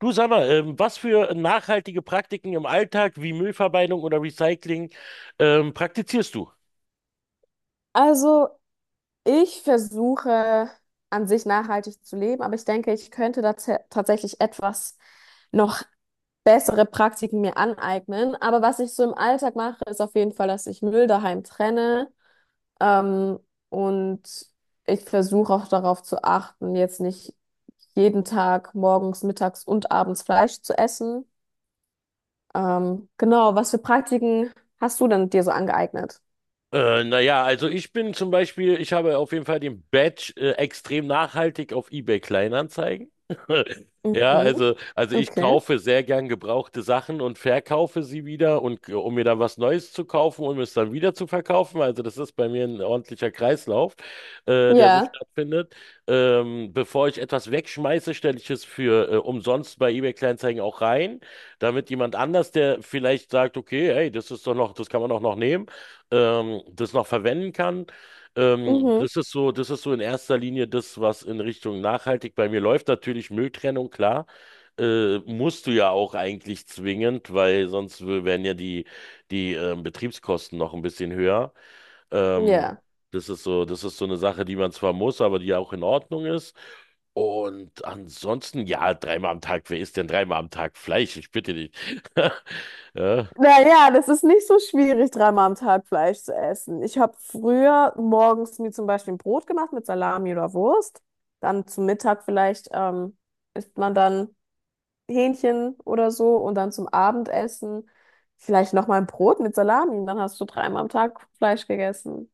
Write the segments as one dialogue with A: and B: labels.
A: Du, sag mal, was für nachhaltige Praktiken im Alltag wie Müllvermeidung oder Recycling praktizierst du?
B: Also, ich versuche an sich nachhaltig zu leben, aber ich denke, ich könnte da tatsächlich etwas noch bessere Praktiken mir aneignen. Aber was ich so im Alltag mache, ist auf jeden Fall, dass ich Müll daheim trenne. Ähm, und ich versuche auch darauf zu achten, jetzt nicht jeden Tag morgens, mittags und abends Fleisch zu essen. Genau, was für Praktiken hast du denn dir so angeeignet?
A: Naja, also ich bin zum Beispiel, ich habe auf jeden Fall den Badge extrem nachhaltig auf eBay Kleinanzeigen. Ja,
B: Mhm.
A: also ich
B: Okay.
A: kaufe sehr gern gebrauchte Sachen und verkaufe sie wieder und um mir dann was Neues zu kaufen und es dann wieder zu verkaufen. Also das ist bei mir ein ordentlicher Kreislauf, der so
B: Ja.
A: stattfindet. Bevor ich etwas wegschmeiße, stelle ich es für umsonst bei eBay Kleinanzeigen auch rein, damit jemand anders, der vielleicht sagt, okay, hey, das ist doch noch, das kann man doch noch nehmen, das noch verwenden kann. Ähm,
B: Mhm.
A: das ist so, das ist so in erster Linie das, was in Richtung nachhaltig bei mir läuft. Natürlich Mülltrennung, klar. Musst du ja auch eigentlich zwingend, weil sonst wären ja die Betriebskosten noch ein bisschen höher. Ähm,
B: Ja.
A: das ist so eine Sache, die man zwar muss, aber die auch in Ordnung ist. Und ansonsten, ja, dreimal am Tag, wer isst denn dreimal am Tag Fleisch? Ich bitte dich. Ja.
B: Naja, das ist nicht so schwierig, dreimal am Tag Fleisch zu essen. Ich habe früher morgens mir zum Beispiel ein Brot gemacht mit Salami oder Wurst. Dann zum Mittag vielleicht isst man dann Hähnchen oder so und dann zum Abendessen vielleicht nochmal ein Brot mit Salami. Und dann hast du dreimal am Tag Fleisch gegessen.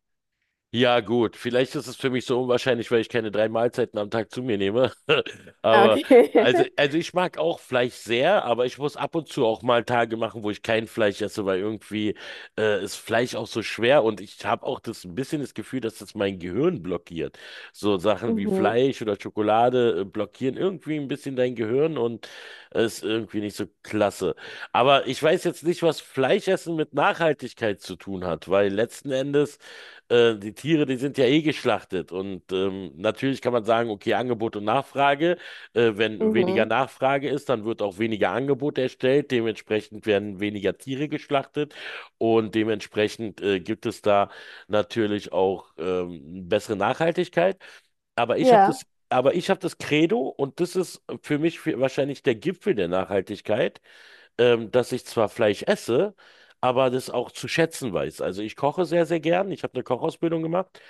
A: Ja, gut. Vielleicht ist es für mich so unwahrscheinlich, weil ich keine drei Mahlzeiten am Tag zu mir nehme.
B: Ah,
A: Aber,
B: okay.
A: also, also ich mag auch Fleisch sehr, aber ich muss ab und zu auch mal Tage machen, wo ich kein Fleisch esse, weil irgendwie ist Fleisch auch so schwer und ich habe auch das, ein bisschen das Gefühl, dass das mein Gehirn blockiert. So Sachen wie
B: Mhm,
A: Fleisch oder Schokolade blockieren irgendwie ein bisschen dein Gehirn und es ist irgendwie nicht so klasse. Aber ich weiß jetzt nicht, was Fleischessen mit Nachhaltigkeit zu tun hat, weil letzten Endes die Tiere, die sind ja eh geschlachtet. Und natürlich kann man sagen, okay, Angebot und Nachfrage. Wenn weniger
B: mhm.
A: Nachfrage ist, dann wird auch weniger Angebot erstellt. Dementsprechend werden weniger Tiere geschlachtet. Und dementsprechend gibt es da natürlich auch bessere Nachhaltigkeit. Aber ich habe das,
B: Ja.
A: aber ich habe das Credo, und das ist für mich, für wahrscheinlich der Gipfel der Nachhaltigkeit, dass ich zwar Fleisch esse, aber das auch zu schätzen weiß. Also ich koche sehr, sehr gern. Ich habe eine Kochausbildung gemacht.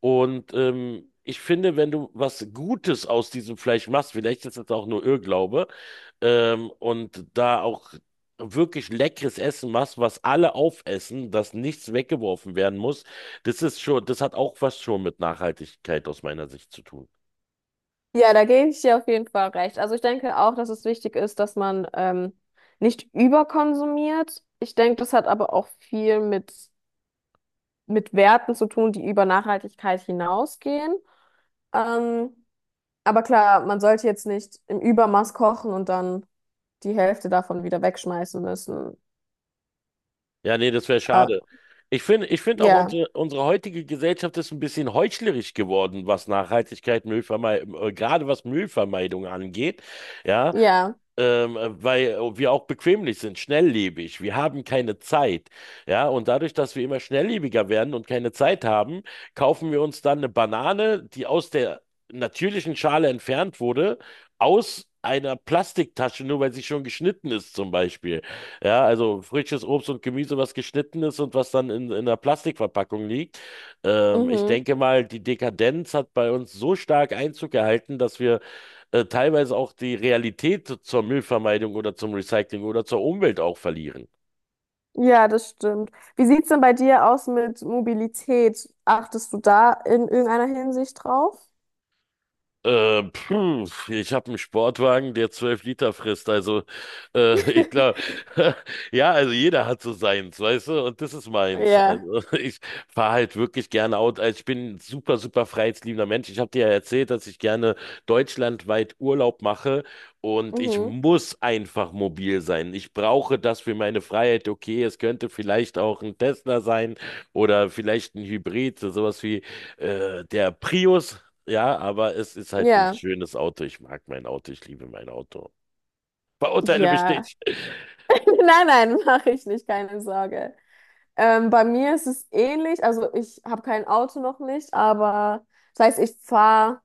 A: Und ich finde, wenn du was Gutes aus diesem Fleisch machst, vielleicht ist das auch nur Irrglaube, und da auch wirklich leckeres Essen machst, was alle aufessen, dass nichts weggeworfen werden muss, das hat auch was schon mit Nachhaltigkeit aus meiner Sicht zu tun.
B: Ja, da gebe ich dir auf jeden Fall recht. Also ich denke auch, dass es wichtig ist, dass man nicht überkonsumiert. Ich denke, das hat aber auch viel mit Werten zu tun, die über Nachhaltigkeit hinausgehen. Ähm, aber klar, man sollte jetzt nicht im Übermaß kochen und dann die Hälfte davon wieder wegschmeißen müssen.
A: Ja, nee, das wäre
B: Äh,
A: schade. Ich finde auch
B: ja,
A: unsere heutige Gesellschaft ist ein bisschen heuchlerisch geworden, was Nachhaltigkeit, Müllvermeidung, gerade was Müllvermeidung angeht. Ja,
B: ja,
A: weil wir auch bequemlich sind, schnelllebig. Wir haben keine Zeit. Ja, und dadurch, dass wir immer schnelllebiger werden und keine Zeit haben, kaufen wir uns dann eine Banane, die aus der natürlichen Schale entfernt wurde, aus einer Plastiktasche, nur weil sie schon geschnitten ist, zum Beispiel. Ja, also frisches Obst und Gemüse, was geschnitten ist und was dann in einer Plastikverpackung liegt. Ich
B: mhm.
A: denke mal, die Dekadenz hat bei uns so stark Einzug gehalten, dass wir teilweise auch die Realität zur Müllvermeidung oder zum Recycling oder zur Umwelt auch verlieren.
B: Ja, das stimmt. Wie sieht's denn bei dir aus mit Mobilität? Achtest du da in irgendeiner Hinsicht drauf?
A: Puh, ich habe einen Sportwagen, der 12 Liter frisst. Also ich glaube, ja, also jeder hat so seins, weißt du, und das ist meins.
B: Ja.
A: Also ich fahre halt wirklich gerne Auto. Also ich bin ein super, super freiheitsliebender Mensch. Ich habe dir ja erzählt, dass ich gerne deutschlandweit Urlaub mache und ich
B: Mhm.
A: muss einfach mobil sein. Ich brauche das für meine Freiheit. Okay, es könnte vielleicht auch ein Tesla sein oder vielleicht ein Hybrid, so sowas wie der Prius. Ja, aber es ist halt ein
B: Ja,
A: schönes Auto. Ich mag mein Auto, ich liebe mein Auto. Verurteile mich
B: ja.
A: nicht.
B: Nein, nein, mache ich nicht, keine Sorge. Bei mir ist es ähnlich. Also ich habe kein Auto noch nicht, aber das heißt, ich fahre,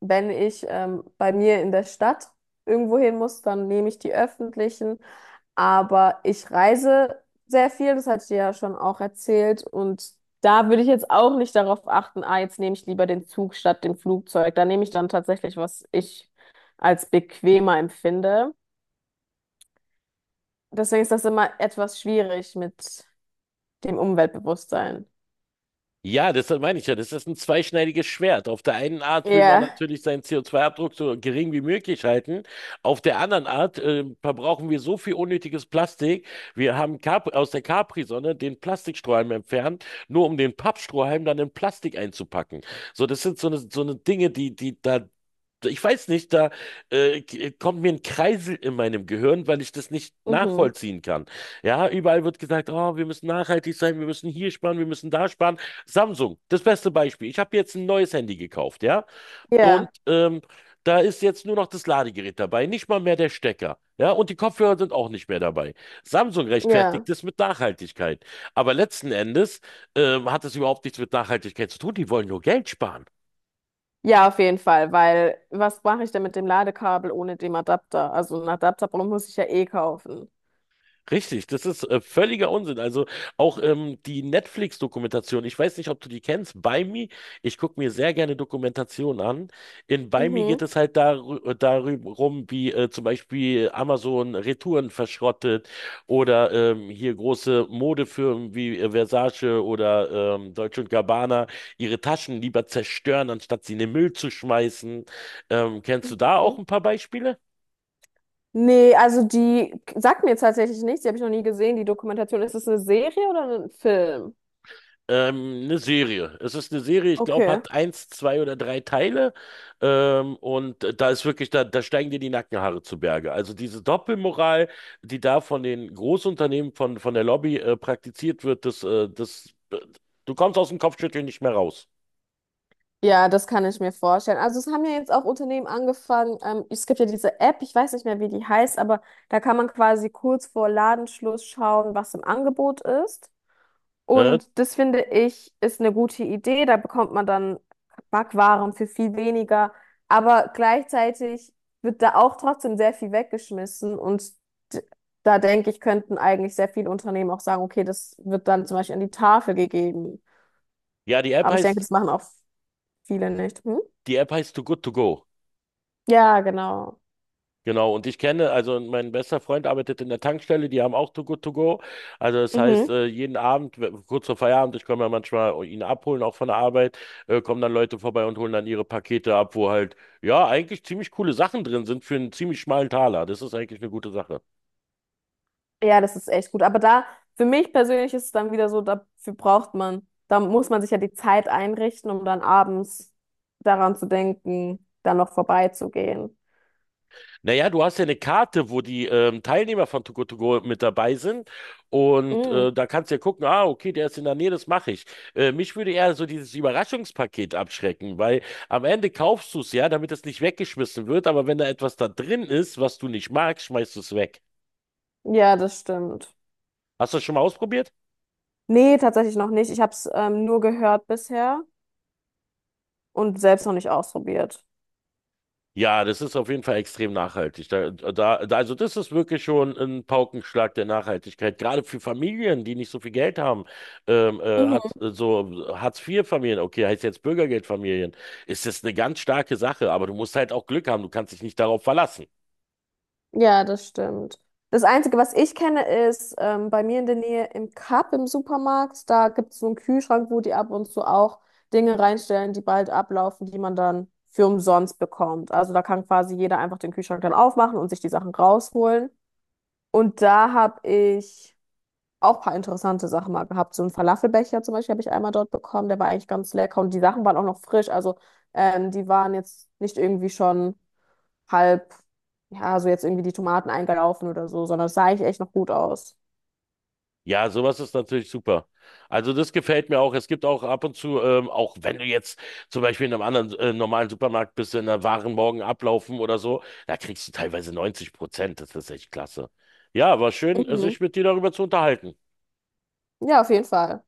B: wenn ich bei mir in der Stadt irgendwo hin muss, dann nehme ich die öffentlichen. Aber ich reise sehr viel, das hatte ich dir ja schon auch erzählt. Und da würde ich jetzt auch nicht darauf achten, ah, jetzt nehme ich lieber den Zug statt dem Flugzeug. Da nehme ich dann tatsächlich, was ich als bequemer empfinde. Deswegen ist das immer etwas schwierig mit dem Umweltbewusstsein.
A: Ja, das meine ich ja. Das ist ein zweischneidiges Schwert. Auf der einen Art will man
B: Ja.
A: natürlich seinen CO2-Abdruck so gering wie möglich halten. Auf der anderen Art verbrauchen wir so viel unnötiges Plastik. Wir haben Cap aus der Capri-Sonne den Plastikstrohhalm entfernt, nur um den Pappstrohhalm dann in Plastik einzupacken. So, das sind so eine Dinge, die da, ich weiß nicht, da kommt mir ein Kreisel in meinem Gehirn, weil ich das nicht
B: Mhm.
A: nachvollziehen kann. Ja, überall wird gesagt, oh, wir müssen nachhaltig sein, wir müssen hier sparen, wir müssen da sparen. Samsung, das beste Beispiel. Ich habe jetzt ein neues Handy gekauft, ja. Und
B: Ja.
A: da ist jetzt nur noch das Ladegerät dabei, nicht mal mehr der Stecker. Ja, und die Kopfhörer sind auch nicht mehr dabei. Samsung
B: Ja.
A: rechtfertigt es mit Nachhaltigkeit. Aber letzten Endes hat es überhaupt nichts mit Nachhaltigkeit zu tun. Die wollen nur Geld sparen.
B: Ja, auf jeden Fall, weil was mache ich denn mit dem Ladekabel ohne dem Adapter? Also einen Adapter muss ich ja eh kaufen.
A: Richtig, das ist völliger Unsinn. Also auch die Netflix-Dokumentation, ich weiß nicht, ob du die kennst, By Me, ich gucke mir sehr gerne Dokumentationen an. In By Me geht
B: Mhm.
A: es halt darum, wie zum Beispiel Amazon Retouren verschrottet oder hier große Modefirmen wie Versace oder Deutsche und Gabbana ihre Taschen lieber zerstören, anstatt sie in den Müll zu schmeißen. Kennst du da auch
B: Mhm.
A: ein paar Beispiele?
B: Nee, also die sagt mir jetzt tatsächlich nichts, die habe ich noch nie gesehen, die Dokumentation. Ist das eine Serie oder ein Film?
A: Eine Serie. Es ist eine Serie, ich glaube,
B: Okay.
A: hat eins, zwei oder drei Teile. Und da ist wirklich, da steigen dir die Nackenhaare zu Berge. Also diese Doppelmoral, die da von den Großunternehmen, von der Lobby praktiziert wird, du kommst aus dem Kopfschütteln nicht mehr raus.
B: Ja, das kann ich mir vorstellen. Also es haben ja jetzt auch Unternehmen angefangen. Es gibt ja diese App, ich weiß nicht mehr, wie die heißt, aber da kann man quasi kurz vor Ladenschluss schauen, was im Angebot ist.
A: Äh?
B: Und das finde ich ist eine gute Idee. Da bekommt man dann Backwaren für viel weniger. Aber gleichzeitig wird da auch trotzdem sehr viel weggeschmissen. Und d- da denke ich, könnten eigentlich sehr viele Unternehmen auch sagen, okay, das wird dann zum Beispiel an die Tafel gegeben.
A: Ja, die App
B: Aber ich denke,
A: heißt,
B: das machen auch viele nicht. Hm?
A: die App heißt Too Good To Go.
B: Ja, genau.
A: Genau, und ich kenne, also mein bester Freund arbeitet in der Tankstelle, die haben auch Too Good To Go. Also das heißt,
B: Mhm.
A: jeden Abend, kurz vor Feierabend, ich komme ja manchmal ihn abholen, auch von der Arbeit, kommen dann Leute vorbei und holen dann ihre Pakete ab, wo halt, ja, eigentlich ziemlich coole Sachen drin sind für einen ziemlich schmalen Taler. Das ist eigentlich eine gute Sache.
B: Ja, das ist echt gut. Aber da, für mich persönlich ist es dann wieder so, dafür braucht man, da muss man sich ja die Zeit einrichten, um dann abends daran zu denken, dann noch vorbeizugehen.
A: Naja, du hast ja eine Karte, wo die Teilnehmer von Too Good To Go mit dabei sind. Und
B: Mhm.
A: da kannst du ja gucken, ah, okay, der ist in der Nähe, das mache ich. Mich würde eher so dieses Überraschungspaket abschrecken, weil am Ende kaufst du es ja, damit es nicht weggeschmissen wird. Aber wenn da etwas da drin ist, was du nicht magst, schmeißt du es weg.
B: Ja, das stimmt.
A: Hast du das schon mal ausprobiert?
B: Nee, tatsächlich noch nicht. Ich habe es nur gehört bisher und selbst noch nicht ausprobiert.
A: Ja, das ist auf jeden Fall extrem nachhaltig. Da, da, da, also das ist wirklich schon ein Paukenschlag der Nachhaltigkeit. Gerade für Familien, die nicht so viel Geld haben,
B: Mhm.
A: hat so Hartz-IV-Familien, okay, heißt jetzt Bürgergeldfamilien, ist das eine ganz starke Sache. Aber du musst halt auch Glück haben. Du kannst dich nicht darauf verlassen.
B: Ja, das stimmt. Das Einzige, was ich kenne, ist bei mir in der Nähe im Cup im Supermarkt. Da gibt es so einen Kühlschrank, wo die ab und zu auch Dinge reinstellen, die bald ablaufen, die man dann für umsonst bekommt. Also da kann quasi jeder einfach den Kühlschrank dann aufmachen und sich die Sachen rausholen. Und da habe ich auch ein paar interessante Sachen mal gehabt. So einen Falafelbecher zum Beispiel habe ich einmal dort bekommen. Der war eigentlich ganz lecker und die Sachen waren auch noch frisch. Also die waren jetzt nicht irgendwie schon halb, ja, so jetzt irgendwie die Tomaten eingelaufen oder so, sondern es sah eigentlich echt noch gut aus.
A: Ja, sowas ist natürlich super. Also das gefällt mir auch. Es gibt auch ab und zu, auch wenn du jetzt zum Beispiel in einem anderen normalen Supermarkt bist, in der Waren morgen ablaufen oder so, da kriegst du teilweise 90%. Das ist echt klasse. Ja, war schön,
B: Mhm.
A: sich mit dir darüber zu unterhalten.
B: Ja, auf jeden Fall.